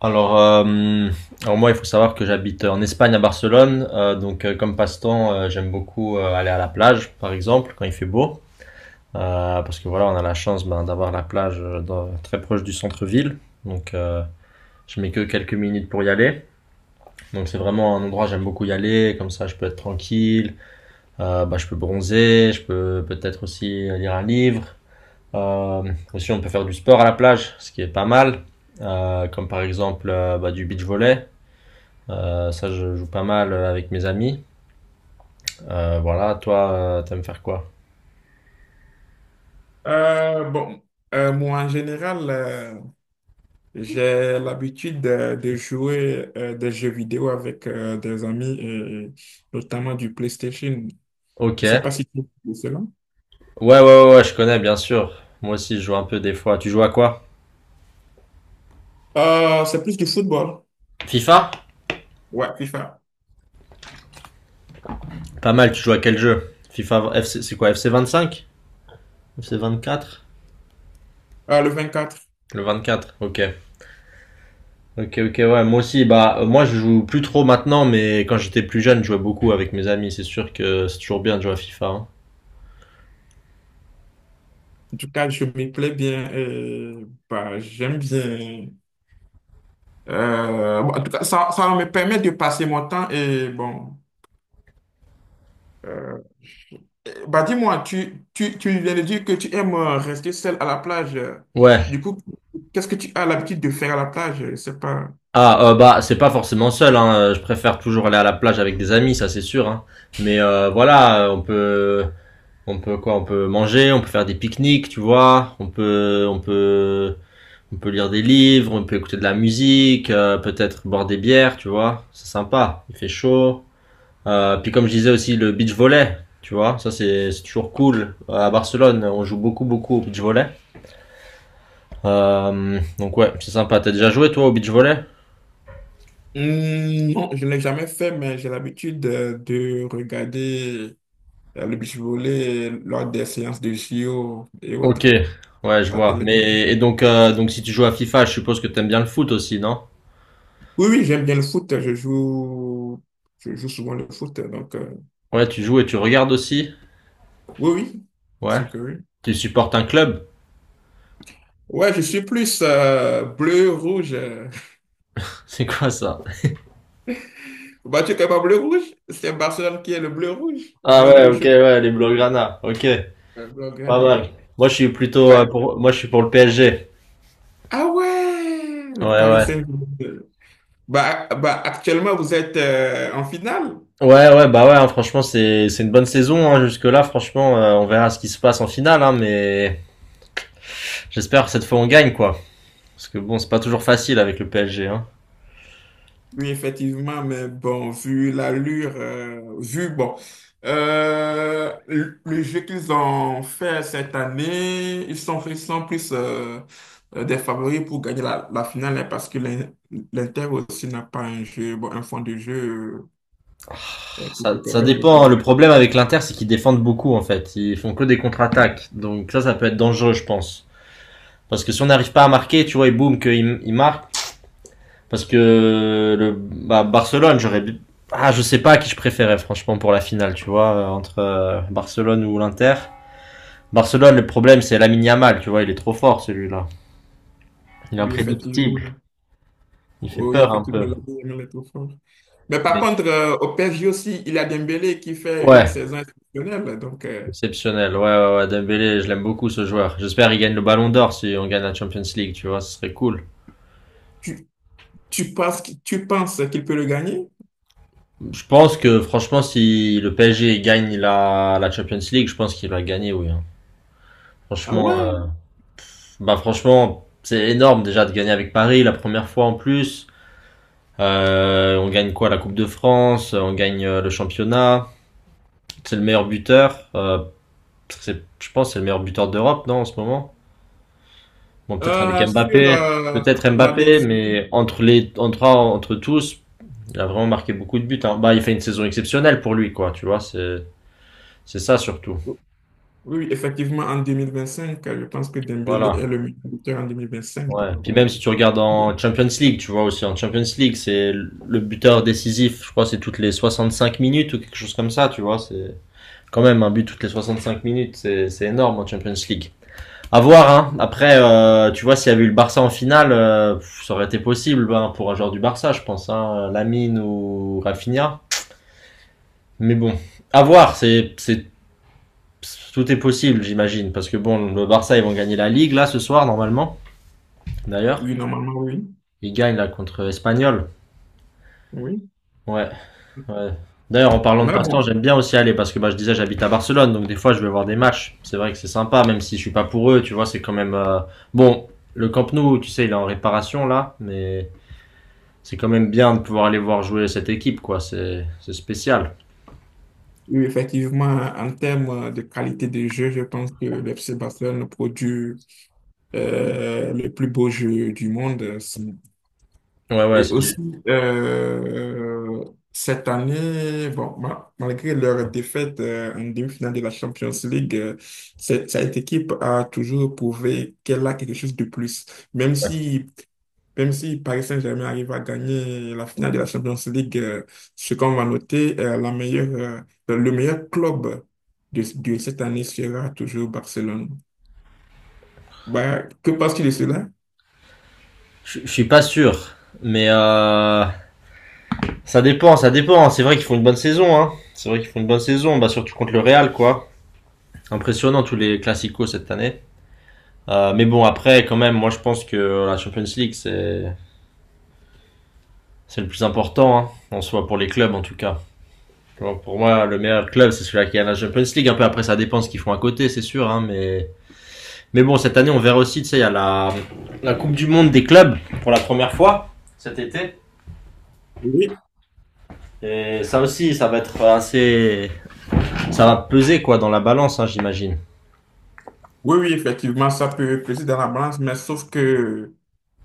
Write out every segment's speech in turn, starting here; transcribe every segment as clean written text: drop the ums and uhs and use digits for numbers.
Alors, euh, alors, moi, il faut savoir que j'habite en Espagne, à Barcelone. Donc, comme passe-temps, j'aime beaucoup aller à la plage, par exemple, quand il fait beau. Parce que voilà, on a la chance ben, d'avoir la plage très proche du centre-ville. Donc, je mets que quelques minutes pour y aller. Donc, c'est vraiment un endroit, j'aime beaucoup y aller. Comme ça, je peux être tranquille. Bah, je peux bronzer. Je peux peut-être aussi lire un livre. Euh, Aussi, on peut faire du sport à la plage, ce qui est pas mal. Comme par exemple, bah, du beach volley. Ça, je joue pas mal avec mes amis. Voilà, toi, t'aimes faire quoi? Euh, bon, moi en général, j'ai l'habitude de jouer des jeux vidéo avec des amis, et notamment du PlayStation. Ok. Je sais pas Ouais, si tu connais cela. ouais, ouais, ouais, je connais, bien sûr. Moi aussi, je joue un peu des fois. Tu joues à quoi? C'est plus du football. FIFA? Ouais, FIFA. Pas mal, tu joues à quel jeu? FIFA, FC, c'est quoi? FC 25? FC 24. Le quatre. Le 24. Ok. Ok, ok, ouais, moi aussi, bah, moi je joue plus trop maintenant, mais quand j'étais plus jeune, je jouais beaucoup avec mes amis. C'est sûr que c'est toujours bien de jouer à FIFA, hein. En tout cas, je m'y plais bien et bah, j'aime bien. Bon, en tout cas, ça me permet de passer mon temps et bon. euh, Bah dis-moi, tu viens de dire que tu aimes rester seul à la plage. Ouais. Du coup, qu'est-ce que tu as l'habitude de faire à la plage? Je sais pas. Ah, bah c'est pas forcément seul, hein. Je préfère toujours aller à la plage avec des amis, ça c'est sûr, hein. Mais voilà, on peut quoi, on peut manger, on peut faire des pique-niques, tu vois, on peut on peut on peut lire des livres, on peut écouter de la musique, peut-être boire des bières, tu vois, c'est sympa, il fait chaud. Puis comme je disais aussi, le beach volley, tu vois, ça c'est toujours cool. À Barcelone, on joue beaucoup beaucoup au beach volley. Donc ouais, c'est sympa. T'as déjà joué, toi, au beach volley? Hmm, non, je ne l'ai jamais fait, mais j'ai l'habitude de regarder le beach volley lors des séances de JO et Ok, autres. ouais, je À la vois. télé. Mais et donc, si tu joues à FIFA, je suppose que t'aimes bien le foot aussi, non? Oui, oui, j'aime bien le foot. Je joue souvent le foot. Ouais, tu joues et tu regardes aussi? Oui, oui, Ouais. c'est que oui. Tu supportes un club? Ouais, je suis plus bleu, rouge. C'est quoi ça? Bah, tu es quand même bleu-rouge. C'est Barcelone qui est le bleu-rouge. Ah ouais, ok, Bleu-rouge. ouais, les Blaugrana. Ok, pas Bleu-grenat, ouais. mal. Moi, je suis Ouais. Moi, je suis pour le PSG. Ah ouais, Ouais, le Paris ouais. Saint-Germain. Actuellement, vous êtes en finale. Ouais, ouais, bah ouais, hein, franchement, c'est une bonne saison, hein, jusque-là, franchement, on verra ce qui se passe en finale, hein, mais j'espère que cette fois on gagne, quoi. Parce que bon, c'est pas toujours facile avec le PSG, hein. Oui, effectivement, mais bon, vu l'allure, bon, le jeu qu'ils ont fait cette année, ils sont plus des favoris pour gagner la finale, hein, parce que l'Inter aussi n'a pas un jeu, bon, un fond de jeu qui te Ça permettent de... dépend, hein. Le problème avec l'Inter, c'est qu'ils défendent beaucoup en fait. Ils font que des contre-attaques. Donc ça peut être dangereux, je pense. Parce que si on n'arrive pas à marquer, tu vois, et boum, qu'ils marquent. Parce que le bah, Barcelone, je sais pas à qui je préférais franchement pour la finale, tu vois, entre Barcelone ou l'Inter. Barcelone, le problème, c'est Lamine Yamal, tu vois, il est trop fort, celui-là. Il est Oui, effectivement, imprédictible, il fait oui, oui, peur un effectivement, peu. la vie aime les enfants. Mais par contre, au PSG aussi, il y a Dembélé qui fait une Ouais. saison exceptionnelle. Exceptionnel, ouais, ouais, ouais, Dembélé, je l'aime beaucoup, ce joueur. J'espère qu'il gagne le Ballon d'Or si on gagne la Champions League, tu vois, ce serait cool. tu, tu penses, tu penses qu'il peut le gagner? Je pense que franchement, si le PSG gagne la Champions League, je pense qu'il va gagner, oui, hein. Ah Franchement, ouais? euh, Bah franchement, c'est énorme déjà de gagner avec Paris la première fois en plus. On gagne quoi, la Coupe de France, on gagne le championnat. C'est le meilleur buteur. C'est, je pense, que c'est le meilleur buteur d'Europe, non, en ce moment. Bon, peut-être avec Sur Mbappé, la décision, mais entre les, entre entre tous. Il a vraiment marqué beaucoup de buts, hein. Bah, il fait une saison exceptionnelle pour lui, quoi. Tu vois, c'est ça surtout. oui, effectivement, en 2025, je pense que Dembélé est Voilà. le meilleur buteur en 2025. Ouais. Puis même si tu regardes en Champions League, tu vois aussi, en Champions League, c'est le buteur décisif. Je crois c'est toutes les 65 minutes ou quelque chose comme ça. Tu vois, c'est quand même un but toutes les 65 minutes. C'est énorme en Champions League. À voir. Hein. Après, tu vois, s'il y avait eu le Barça en finale, pff, ça aurait été possible ben, pour un joueur du Barça, je pense. Hein. Lamine ou Rafinha. Mais bon, à voir. C'est Tout est possible, j'imagine, parce que bon, le Barça, ils vont gagner la Ligue là ce soir, normalement. D'ailleurs, Oui, normalement, oui. ils gagnent là contre Espanyol. Oui. Ouais, ouais. D'ailleurs, en parlant de Mais bon, passe-temps, j'aime bien aussi aller parce que bah, je disais, j'habite à Barcelone, donc des fois, je vais voir des matchs. C'est vrai que c'est sympa, même si je suis pas pour eux, tu vois, c'est quand même bon. Le Camp Nou, tu sais, il est en réparation là, mais c'est quand même bien de pouvoir aller voir jouer cette équipe, quoi. C'est spécial. oui, effectivement, en termes de qualité de jeu, je pense que le FC Barcelone produit le plus beau jeu du monde. Ouais, ouais, Et aussi, euh, cette année, bon, malgré leur défaite en demi-finale de la Champions League, cette équipe a toujours prouvé qu'elle a quelque chose de plus. Même ouais. si même si Paris Saint-Germain arrive à gagner la finale de la Champions League, ce qu'on va noter, le meilleur club de cette année sera toujours Barcelone. Bah, que penses-tu de cela? Je suis pas sûr, mais ça dépend, ça dépend. C'est vrai qu'ils font une bonne saison. Hein. C'est vrai qu'ils font une bonne saison, bah, surtout contre le Real, quoi. Impressionnant tous les classicos cette année. Mais bon, après, quand même, moi je pense que la Champions League, c'est le plus important, hein, en soi, pour les clubs en tout cas. Pour moi, le meilleur club, c'est celui qui a la Champions League. Un peu après, ça dépend de ce qu'ils font à côté, c'est sûr. Hein, mais bon, cette année, on verra aussi, tu sais, il y a la Coupe du Monde des clubs pour la première fois cet été. Oui. Et ça aussi, ça va peser, quoi, dans la balance, hein, j'imagine. Oui, oui, effectivement, ça peut peser dans la balance, mais sauf que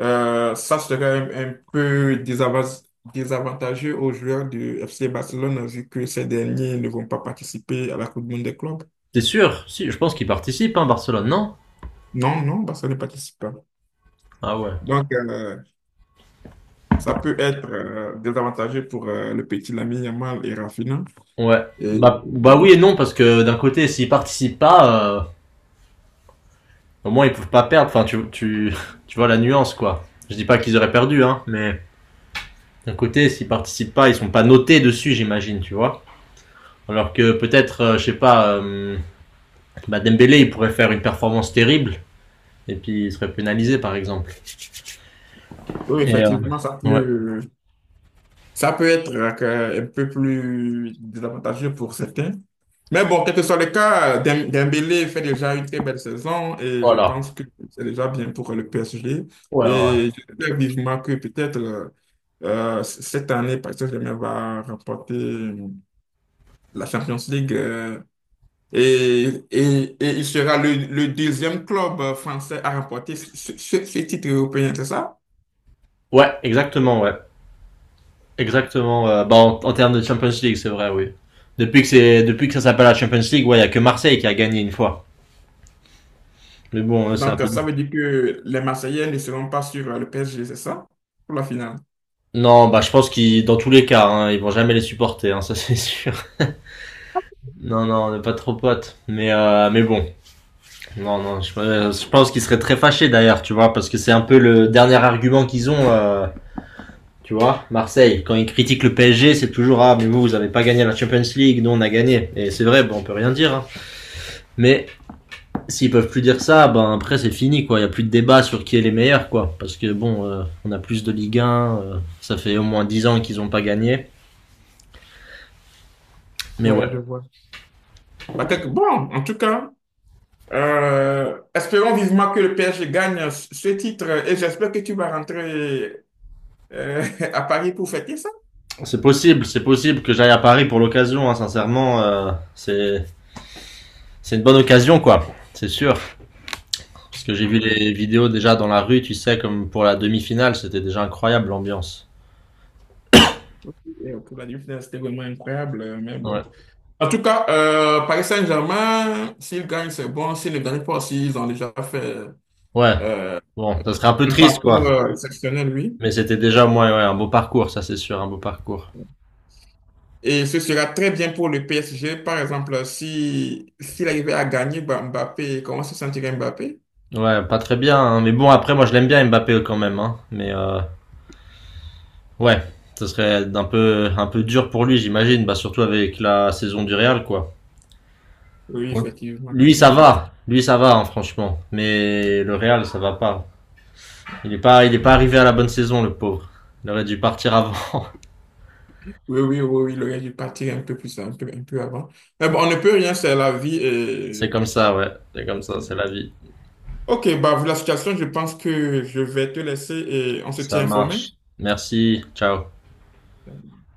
ça serait un peu désavantageux aux joueurs du FC Barcelone vu que ces derniers ne vont pas participer à la Coupe du Monde des clubs. T'es sûr? Si, je pense qu'il participe, hein, Barcelone, non? Non, non, Barcelone ne participe pas. Ah ouais. Donc, euh, Ça peut être désavantageux pour le petit Lamine Yamal et Rafinha. Ouais. Et Bah, euh, oui et non, parce que d'un côté, s'ils participent pas, au moins ils peuvent pas perdre. Enfin, tu vois la nuance, quoi. Je dis pas qu'ils auraient perdu, hein, mais d'un côté, s'ils participent pas, ils sont pas notés dessus, j'imagine, tu vois. Alors que peut-être, je sais pas, bah Dembélé, il pourrait faire une performance terrible, et puis il serait pénalisé, par exemple. oui, Et euh, effectivement, ouais. Ça peut être un peu plus désavantageux pour certains. Mais bon, quel que soit le cas, Dembélé fait déjà une très belle saison et je Voilà. pense que c'est déjà bien pour le PSG. Ouais, ouais. Et j'espère vivement que peut-être cette année, Paris Saint-Germain va remporter la Champions League. Et, et il sera le deuxième club français à remporter ce titre européen, c'est ça? Ouais, exactement, ouais. Exactement. Bah, en termes de Champions League, c'est vrai, oui. Depuis que ça s'appelle la Champions League, ouais, il y a que Marseille qui a gagné une fois. Mais bon, c'est un peu. Ça veut dire que les Marseillais ne seront pas sur le PSG, c'est ça? Pour la finale. Non, bah, je pense qu'ils, dans tous les cas, hein, ils vont jamais les supporter, hein, ça c'est sûr. Non, non, on n'est pas trop potes. Mais bon, non, non, je pense qu'ils seraient très fâchés d'ailleurs, tu vois, parce que c'est un peu le dernier argument qu'ils ont. Tu vois, Marseille, quand ils critiquent le PSG, c'est toujours "ah mais vous vous avez pas gagné la Champions League, nous on a gagné." Et c'est vrai, bon, on peut rien dire, hein. Mais s'ils peuvent plus dire ça, ben après c'est fini, quoi. Il y a plus de débat sur qui est les meilleurs, quoi. Parce que bon, on a plus de Ligue 1. Ça fait au moins 10 ans qu'ils ont pas gagné. Mais ouais, Ouais, je vois. Bah, quelque- Bon, en tout cas, espérons vivement que le PSG gagne ce titre et j'espère que tu vas rentrer euh, à Paris pour fêter ça. C'est possible que j'aille à Paris pour l'occasion. Hein, sincèrement, c'est une bonne occasion, quoi. C'est sûr. Parce que j'ai Ah vu ouais. les vidéos déjà dans la rue, tu sais, comme pour la demi-finale, c'était déjà incroyable, l'ambiance. Et pour la demi-finale, c'était vraiment incroyable, mais bon. Ouais. En tout cas, Paris Saint-Germain, s'ils gagnent, c'est bon. S'ils ne gagnent pas, s'ils ont déjà fait Ouais. euh, Bon, ça serait un peu un triste, quoi. parcours exceptionnel, lui. Mais c'était déjà, moi, ouais, un beau parcours, ça c'est sûr, un beau parcours. Et ce sera très bien pour le PSG. Par exemple, si s'il arrivait à gagner bah, Mbappé, comment se sentirait Mbappé? Ouais, pas très bien, hein. Mais bon, après, moi, je l'aime bien Mbappé quand même. Hein. Mais ouais, ce serait un peu dur pour lui, j'imagine. Bah, surtout avec la saison du Real, quoi. Oui, Ouais. effectivement. Lui, ça va. Lui, ça va, hein, franchement. Mais le Real, ça va pas. Il est pas arrivé à la bonne saison, le pauvre. Il aurait dû partir avant. Oui, oui, oui, oui, le gars, il partirait un peu plus, un peu avant. Mais bon, on ne peut rien, c'est la vie. C'est Et... comme ça, ouais. C'est comme ça, c'est la vie. Ok, bah, vu la situation, je pense que je vais te laisser et on se Ça tient informé. marche. Merci. Ciao.